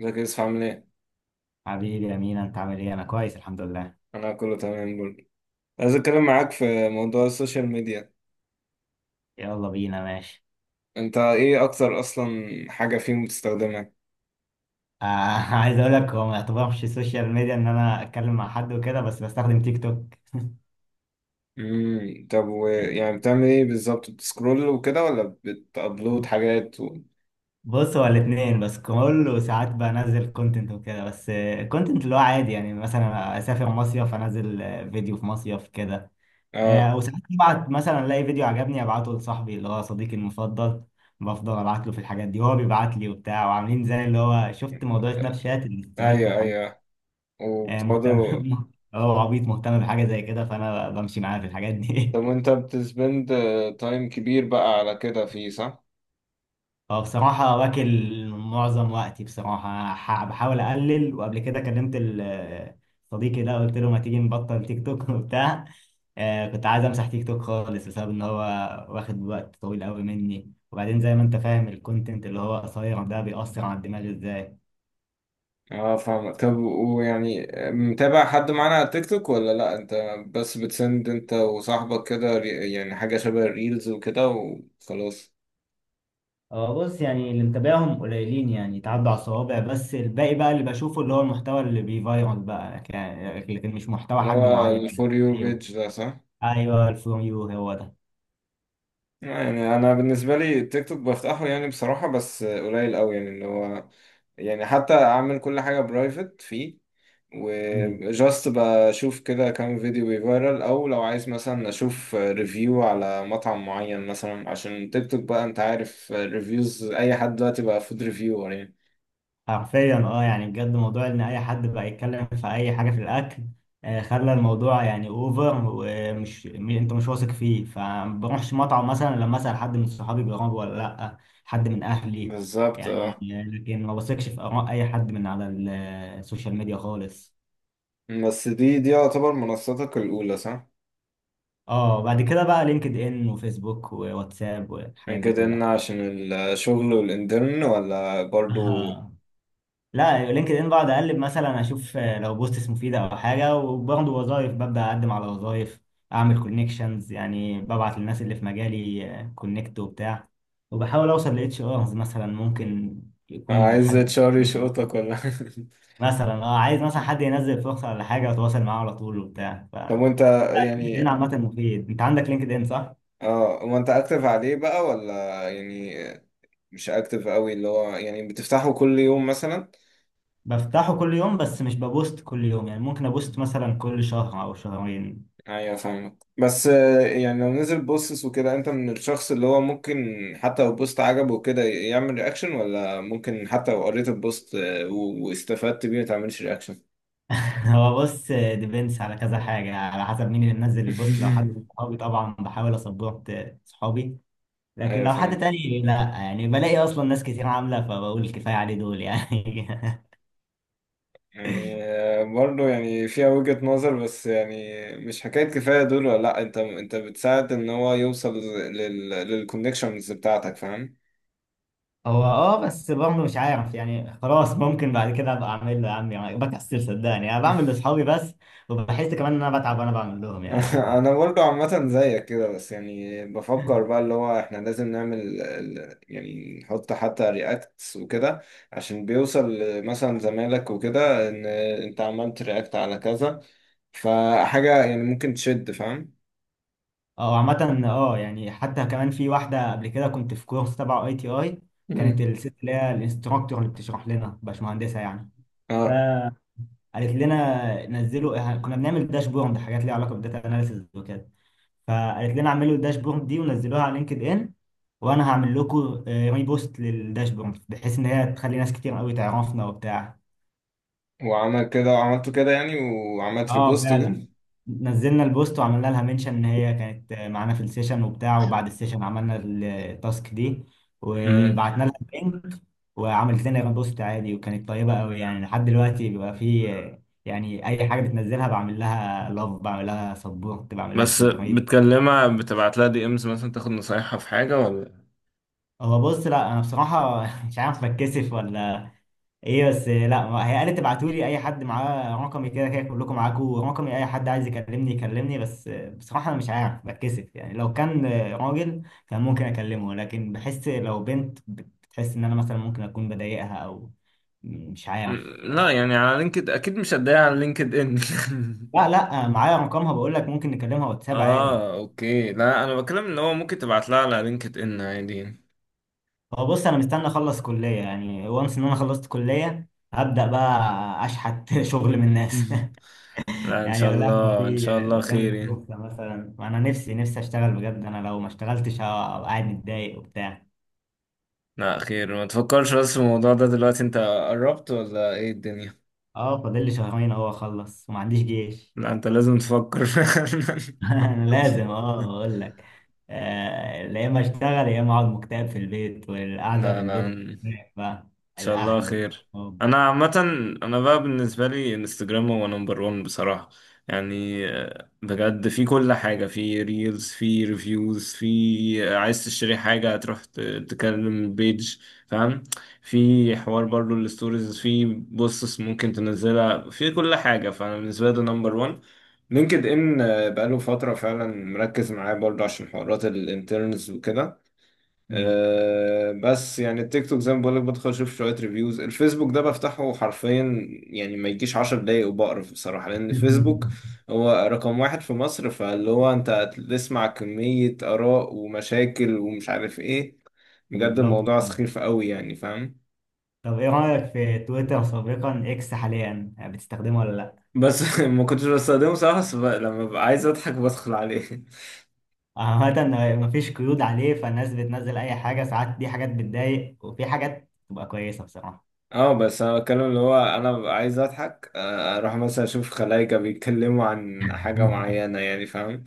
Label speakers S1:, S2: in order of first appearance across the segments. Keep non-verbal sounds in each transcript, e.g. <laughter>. S1: ازيك يا يوسف؟ عامل ايه؟
S2: حبيبي يا مينا، انت عامل ايه؟ انا كويس الحمد لله.
S1: انا كله تمام برضه. عايز اتكلم معاك في موضوع السوشيال ميديا.
S2: يلا بينا ماشي.
S1: انت ايه اكتر اصلا حاجة فيهم بتستخدمها؟
S2: آه <laughs> عايز اقول لك هو ما يعتبرش سوشيال ميديا ان انا اتكلم مع حد وكده، بس بستخدم تيك توك.
S1: طب يعني بتعمل ايه بالظبط؟ بتسكرول وكده ولا بتابلود حاجات
S2: بص، هو الاثنين بس، كل وساعات بنزل كونتنت وكده بس. كونتنت اللي هو عادي، يعني مثلا اسافر مصيف انزل فيديو في مصيف كده.
S1: اه.
S2: وساعات ببعت مثلا، الاقي فيديو عجبني ابعته لصاحبي اللي هو صديقي المفضل. بفضل ابعت له في الحاجات دي وهو بيبعت لي وبتاع، وعاملين زي اللي هو شفت موضوع سناب شات الاستريك
S1: ايوه
S2: والحاجات.
S1: ايوه.
S2: آه، مهتم.
S1: وبتقعدوا
S2: <laughs> اه عبيط، مهتم بحاجة زي كده، فأنا بمشي معاه في الحاجات
S1: طب
S2: دي.
S1: وانت بتسبند تايم كبير بقى على كده فيه، صح؟
S2: <laughs> هو بصراحة واكل معظم وقتي، بصراحة بحاول أقلل. وقبل كده كلمت صديقي ده، قلت له ما تيجي نبطل تيك توك <laughs> وبتاع. آه، كنت عايز أمسح تيك توك خالص بسبب إن هو واخد وقت طويل قوي مني، وبعدين زي ما أنت فاهم الكونتنت اللي هو قصير ده بيأثر على الدماغ إزاي.
S1: اه فاهمك. طب ويعني متابع حد معانا على التيك توك ولا لا؟ انت بس بتسند انت وصاحبك كده، يعني حاجة شبه الريلز وكده وخلاص؟
S2: اه بص، يعني اللي متابعهم قليلين، يعني يتعدوا على الصوابع، بس الباقي بقى اللي بشوفه اللي هو المحتوى اللي بيفايرال بقى، لكن مش محتوى
S1: اللي
S2: حد
S1: هو
S2: معين.
S1: الفور يو
S2: ايوه،
S1: بيج ده، صح؟
S2: ايوه الفروم يو هو ده.
S1: يعني انا بالنسبة لي التيك توك بفتحه، يعني بصراحة بس قليل قوي. يعني اللي هو يعني حتى اعمل كل حاجة برايفت فيه،
S2: مم.
S1: وجاست بشوف كده كام فيديو بيفيرال، او لو عايز مثلا اشوف ريفيو على مطعم معين مثلا. عشان تيك توك بقى، انت عارف، ريفيوز اي حد دلوقتي بقى فود ريفيور يعني.
S2: حرفيا اه، يعني بجد موضوع ان اي حد بقى يتكلم في اي حاجه في الاكل خلى الموضوع يعني اوفر. ومش انت مش واثق فيه، فما بروحش مطعم مثلا لما اسال حد من صحابي جربه ولا لا، حد من اهلي
S1: بالظبط.
S2: يعني.
S1: اه
S2: لكن ما بثقش في اراء اي حد من على السوشيال ميديا خالص.
S1: بس دي يعتبر منصتك الاولى، صح؟
S2: اه، بعد كده بقى لينكد ان وفيسبوك وواتساب
S1: من
S2: والحاجات دي
S1: كده ان
S2: كلها.
S1: عشان الشغل والانترن ولا
S2: <laughs>
S1: برضو
S2: آه. لا، لينكد ان بقعد اقلب، مثلا اشوف لو بوستس مفيده او حاجه، وبرضه وظايف ببدا اقدم على وظايف، اعمل كونكشنز. يعني ببعت للناس اللي في مجالي كونكت وبتاع، وبحاول اوصل لاتش ارز مثلا، ممكن يكون
S1: عايز
S2: حد <laughs>
S1: اتشار يشقطك، ولا <laughs>
S2: مثلا، اه عايز مثلا حد ينزل فرصه ولا حاجه، وتواصل معاه على طول وبتاع. ف
S1: طب وانت
S2: لينكد
S1: يعني
S2: ان عامه مفيد، انت عندك لينكد ان صح؟
S1: اه، وانت اكتف عليه بقى ولا يعني مش اكتف قوي؟ اللي هو يعني بتفتحه كل يوم مثلا؟
S2: بفتحه كل يوم، بس مش ببوست كل يوم، يعني ممكن ابوست مثلا كل شهر او شهرين.
S1: ايوه فاهمك. بس يعني لو نزل بوستس وكده، انت من الشخص اللي هو ممكن حتى لو بوست عجبه وكده يعمل رياكشن، ولا ممكن حتى لو قريت البوست واستفدت بيه ما تعملش رياكشن؟
S2: <laughs> هو بص، ديبينس على كذا حاجة، على حسب مين اللي منزل البوست. لو حد من
S1: <laughs>
S2: صحابي طبعا بحاول اسبورت صحابي، لكن
S1: ايوه
S2: لو حد
S1: فاهم.
S2: تاني لا، يعني بلاقي اصلا ناس كتير عاملة، فبقول كفاية عليه دول يعني. <laughs>
S1: يعني برضه يعني فيها وجهة نظر، بس يعني مش حكاية كفاية دول ولا لا. انت بتساعد ان هو يوصل للكونكشنز بتاعتك، فاهم؟
S2: هو اه، بس برضه مش عارف يعني، خلاص ممكن بعد كده ابقى اعمل له. يا عم يعني، بكسل، صدقني انا بعمل
S1: <laughs>
S2: لاصحابي بس. وبحس كمان ان انا بتعب وانا بعمل لهم
S1: <laughs>
S2: يعني.
S1: انا برضو عامه زيك كده، بس يعني
S2: <laughs>
S1: بفكر بقى اللي هو احنا لازم نعمل يعني نحط حتى رياكتس وكده عشان بيوصل مثلا زمالك وكده ان انت عملت رياكت على كذا، فحاجه يعني ممكن تشد، فاهم؟
S2: اه عامة، اه يعني حتى كمان في واحدة قبل كده كنت في كورس تبع اي تي اي. كانت
S1: امم.
S2: الست اللي هي الانستراكتور اللي بتشرح لنا باشمهندسة يعني،
S1: اه.
S2: فقالت لنا نزلوا. اه، كنا بنعمل داشبورد، حاجات ليها علاقة بالداتا اناليسيز وكده، فقالت لنا اعملوا الداشبورد دي ونزلوها على لينكد ان، وانا هعمل لكم ريبوست للداشبورد، بحيث ان هي تخلي ناس كتير قوي تعرفنا وبتاع.
S1: وعمل كده وعملته كده يعني، وعملت
S2: اه
S1: ريبوست وكده.
S2: فعلا، نزلنا البوست وعملنا لها منشن ان هي كانت معانا في السيشن وبتاع، وبعد السيشن عملنا التاسك دي
S1: امم.
S2: وبعتنا لها اللينك. وعملت لنا بوست عادي، وكانت طيبة قوي يعني. لحد دلوقتي بيبقى في، يعني اي حاجة بتنزلها بعمل لها لاف، بعمل لها سبورت، بعمل لها
S1: بس
S2: سيلبريت.
S1: بتكلمها؟ بتبعت لها دي امز مثلا، تاخد نصايحها في حاجة ولا؟
S2: هو بص، لا انا بصراحة <laughs> مش عارف بتكسف ولا ايه، بس لا، هي قالت تبعتوا لي، اي حد معاه رقمي كده كده، كلكم معاكم رقمي، اي حد عايز يكلمني يكلمني. بس بصراحه انا مش عارف بتكسف، يعني لو كان راجل كان ممكن اكلمه، لكن بحس لو بنت بتحس ان انا مثلا ممكن اكون بضايقها، او مش
S1: مم،
S2: عارف
S1: لا
S2: يعني.
S1: يعني على لينكد اكيد مش هتضايق، على لينكد ان.
S2: لا
S1: <laughs>
S2: لا، معايا رقمها بقول لك، ممكن نكلمها واتساب عادي.
S1: اه اوكي. لا انا بتكلم ان هو ممكن تبعت لها على لينكد ان عادي. <laughs>
S2: هو بص، انا مستني اخلص كليه، يعني وانس ان انا خلصت كليه هبدا بقى اشحت <laughs> شغل من الناس. <laughs>
S1: لا، ان
S2: يعني
S1: شاء
S2: اقول لها لو
S1: الله، ان
S2: في
S1: شاء الله خير
S2: قدامك
S1: يعني.
S2: فرصه مثلا، انا نفسي نفسي اشتغل بجد. انا لو ما اشتغلتش هبقى قاعد متضايق وبتاع.
S1: لا خير، ما تفكرش بس في الموضوع ده دلوقتي. انت قربت ولا ايه الدنيا؟
S2: اه، فاضل لي شهرين اهو اخلص وما عنديش جيش.
S1: لا انت لازم تفكر <laughs> فعلا.
S2: <laughs> انا لازم، اه اقول لك يا اما اشتغل يا اما اقعد مكتئب في البيت، والقعده في
S1: لا
S2: البيت
S1: لا
S2: بتخنق بقى.
S1: شاء الله
S2: الاهل.
S1: خير.
S2: اه.
S1: انا عامه، انا بقى بالنسبه لي انستجرام هو نمبر 1 بصراحه. يعني بجد، في كل حاجه، في ريلز، في ريفيوز، في عايز تشتري حاجه هتروح تكلم البيج، فاهم؟ في حوار برضو، الستوريز، في بوستس ممكن تنزلها، في كل حاجه. فانا بالنسبه لي ده نمبر 1. لينكد ان بقاله فتره فعلا مركز معاه برضو عشان حوارات الانترنز وكده. أه بس يعني التيك توك زي ما بقولك بدخل اشوف شوية ريفيوز. الفيسبوك ده بفتحه حرفيا يعني ما يجيش 10 دقايق وبقرف بصراحة، لأن الفيسبوك
S2: <laughs>
S1: هو رقم واحد في مصر، فاللي هو انت هتسمع كمية آراء ومشاكل ومش عارف ايه، بجد
S2: بالظبط.
S1: الموضوع سخيف قوي يعني، فاهم؟
S2: طب ايه رايك في تويتر سابقا اكس حاليا، بتستخدمه ولا لا؟
S1: بس <laughs> ما كنتش بستخدمه صراحة. بس لما ببقى عايز اضحك بدخل عليه.
S2: عامة مفيش قيود عليه، فالناس بتنزل أي حاجة. ساعات دي حاجات بتضايق، وفي حاجات تبقى كويسة بصراحة.
S1: اه بس انا بتكلم اللي هو انا ببقى عايز اضحك، اروح مثلا اشوف خلايجة بيتكلموا عن حاجة
S2: <laughs>
S1: معينة يعني، فاهم؟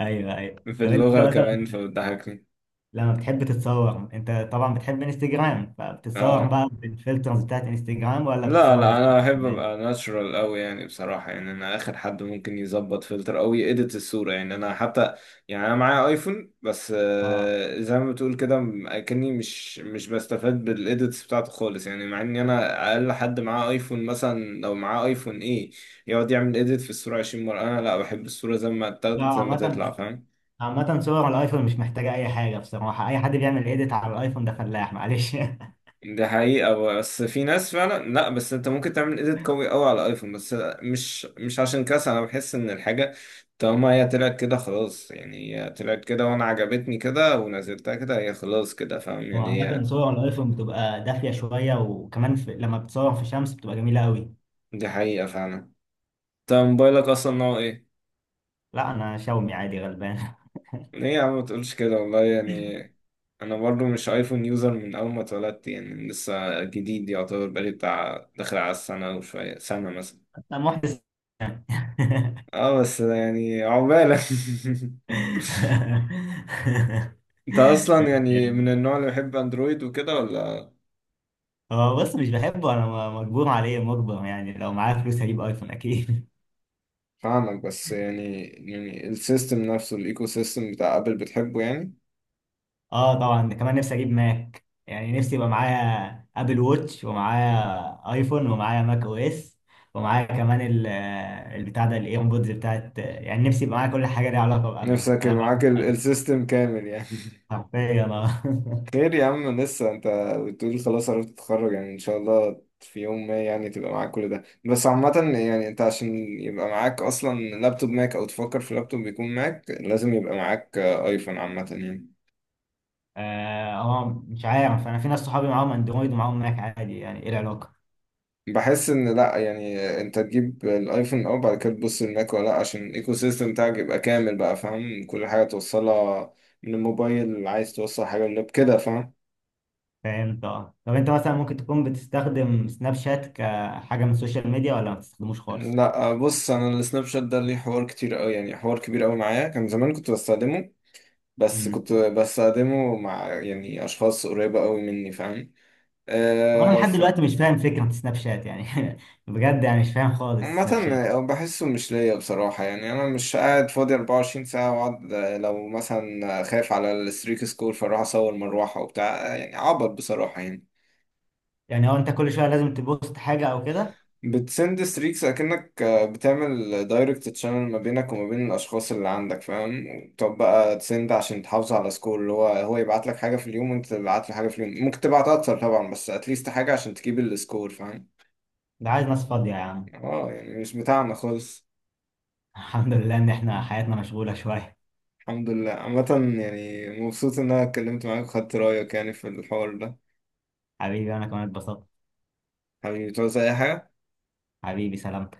S2: أيوه، أيوه
S1: في
S2: طب أنت
S1: اللغة
S2: مثلا
S1: كمان، فبتضحكني.
S2: لما بتحب تتصور، أنت طبعا بتحب انستجرام، فبتتصور
S1: اه.
S2: بقى بالفلترز بتاعت انستجرام ولا
S1: لا
S2: بتتصور
S1: لا انا
S2: بالفلتر
S1: احب ابقى
S2: العادية؟
S1: ناتشرال قوي يعني بصراحة. يعني انا اخر حد ممكن يظبط فلتر او يedit الصورة. يعني انا حتى يعني انا معايا ايفون بس،
S2: اه.
S1: زي ما بتقول كده، اكني مش بستفاد بالايديتس بتاعته خالص. يعني مع ان انا اقل حد معاه ايفون، مثلا لو معاه ايفون ايه يقعد يعمل edit في الصورة 20 مرة. انا لا، بحب الصورة زي ما
S2: لا،
S1: اتاخدت زي ما تطلع،
S2: عامة.
S1: فاهم؟
S2: صور الأيفون مش محتاجة أي حاجة بصراحة. أي حد بيعمل إيديت على الأيفون ده فلاح معلش. <laughs>
S1: ده حقيقة. بس في ناس فعلا، لا بس انت ممكن تعمل ايديت قوي قوي على ايفون، بس مش عشان كده. انا بحس ان الحاجة طالما هي طلعت كده خلاص، يعني هي طلعت كده وانا عجبتني كده ونزلتها كده، هي خلاص كده، فاهم
S2: هو
S1: يعني
S2: عامة
S1: هي.
S2: صور الأيفون بتبقى دافية شوية، وكمان في... لما بتصور في شمس بتبقى جميلة أوي.
S1: دي حقيقة فعلا. انت موبايلك اصلا نوع ايه؟
S2: لا انا شومي عادي غلبان. <laughs>
S1: ليه يا عم ما تقولش كده، والله يعني. انا برضو مش ايفون يوزر من اول ما اتولدت، يعني لسه جديد يعتبر، بقالي بتاع داخل على السنة وشوية، سنة مثلا.
S2: انا محدث.
S1: اه بس يعني عقبالك <laughs> انت اصلا يعني من
S2: <laughs>
S1: النوع اللي بيحب اندرويد وكده ولا؟
S2: هو بص مش بحبه، انا مجبور عليه، مجبر يعني. لو معايا فلوس هجيب ايفون اكيد.
S1: فاهمك. بس يعني يعني السيستم نفسه، الايكو سيستم بتاع ابل، بتحبه يعني؟
S2: <laughs> اه طبعا، كمان نفسي اجيب ماك. يعني نفسي يبقى معايا ابل ووتش، ومعايا ايفون، ومعايا ماك او اس، ومعايا كمان البتاع ده الايربودز بتاعت. يعني نفسي يبقى معايا كل حاجه ليها علاقه بابل،
S1: نفسك
S2: انا
S1: يبقى
S2: بعشق
S1: معاك
S2: ابل.
S1: السيستم كامل يعني.
S2: حرفيا آه.
S1: <laughs> خير يا عم، لسه انت بتقول خلاص عرفت تتخرج، يعني ان شاء الله في يوم ما يعني تبقى معاك كل ده. بس عامة يعني انت، عشان يبقى معاك اصلا لابتوب ماك، او تفكر في لابتوب بيكون ماك، لازم يبقى معاك ايفون عامة يعني.
S2: اه، مش عارف. انا في ناس صحابي معاهم اندرويد ومعاهم ماك عادي، يعني ايه العلاقه؟
S1: بحس ان لا يعني انت تجيب الايفون اه، بعد كده تبص الماك ولا لا، عشان الايكو سيستم بتاعك يبقى كامل بقى، فاهم؟ كل حاجه توصلها من الموبايل، عايز توصل حاجه اللاب كده، فاهم؟
S2: فهمت. اه طب انت مثلا ممكن تكون بتستخدم سناب شات كحاجه من السوشيال ميديا، ولا ما بتستخدموش خالص؟
S1: لا بص، انا السناب شات ده ليه حوار كتير قوي يعني، حوار كبير قوي معايا. كان زمان كنت بستخدمه، بس
S2: امم
S1: كنت بستخدمه مع يعني اشخاص قريبه قوي مني، فاهم؟
S2: هو انا لحد دلوقتي مش فاهم فكره سناب شات يعني. <laughs> بجد يعني، مش فاهم خالص
S1: عامة
S2: سناب شات.
S1: بحسه مش ليا بصراحة. يعني أنا مش قاعد فاضي 24 ساعة وأقعد، لو مثلا خايف على الستريك سكور فأروح أصور مروحة وبتاع، يعني عبط بصراحة يعني.
S2: يعني هو انت كل شويه لازم تبوست حاجه او كده؟
S1: بتسند ستريكس، أكنك بتعمل دايركت تشانل ما بينك وما بين الأشخاص اللي عندك، فاهم؟ طب بقى تسند عشان تحافظ على سكور، اللي هو هو يبعت لك حاجة في اليوم وأنت تبعت له حاجة في اليوم، ممكن تبعت أكتر طبعا، بس أتليست حاجة عشان تجيب السكور، فاهم؟
S2: ده عايز ناس فاضيه يا عم.
S1: اه، يعني مش بتاعنا خالص.
S2: <laughs> الحمد لله ان احنا حياتنا مشغوله شويه.
S1: الحمد لله عامة. يعني مبسوط إن أنا اتكلمت معاك وخدت رأيك يعني في الحوار ده.
S2: حبيبي انا كمان اتبسطت.
S1: حبيبي، تعوز أي حاجة؟
S2: حبيبي سلام.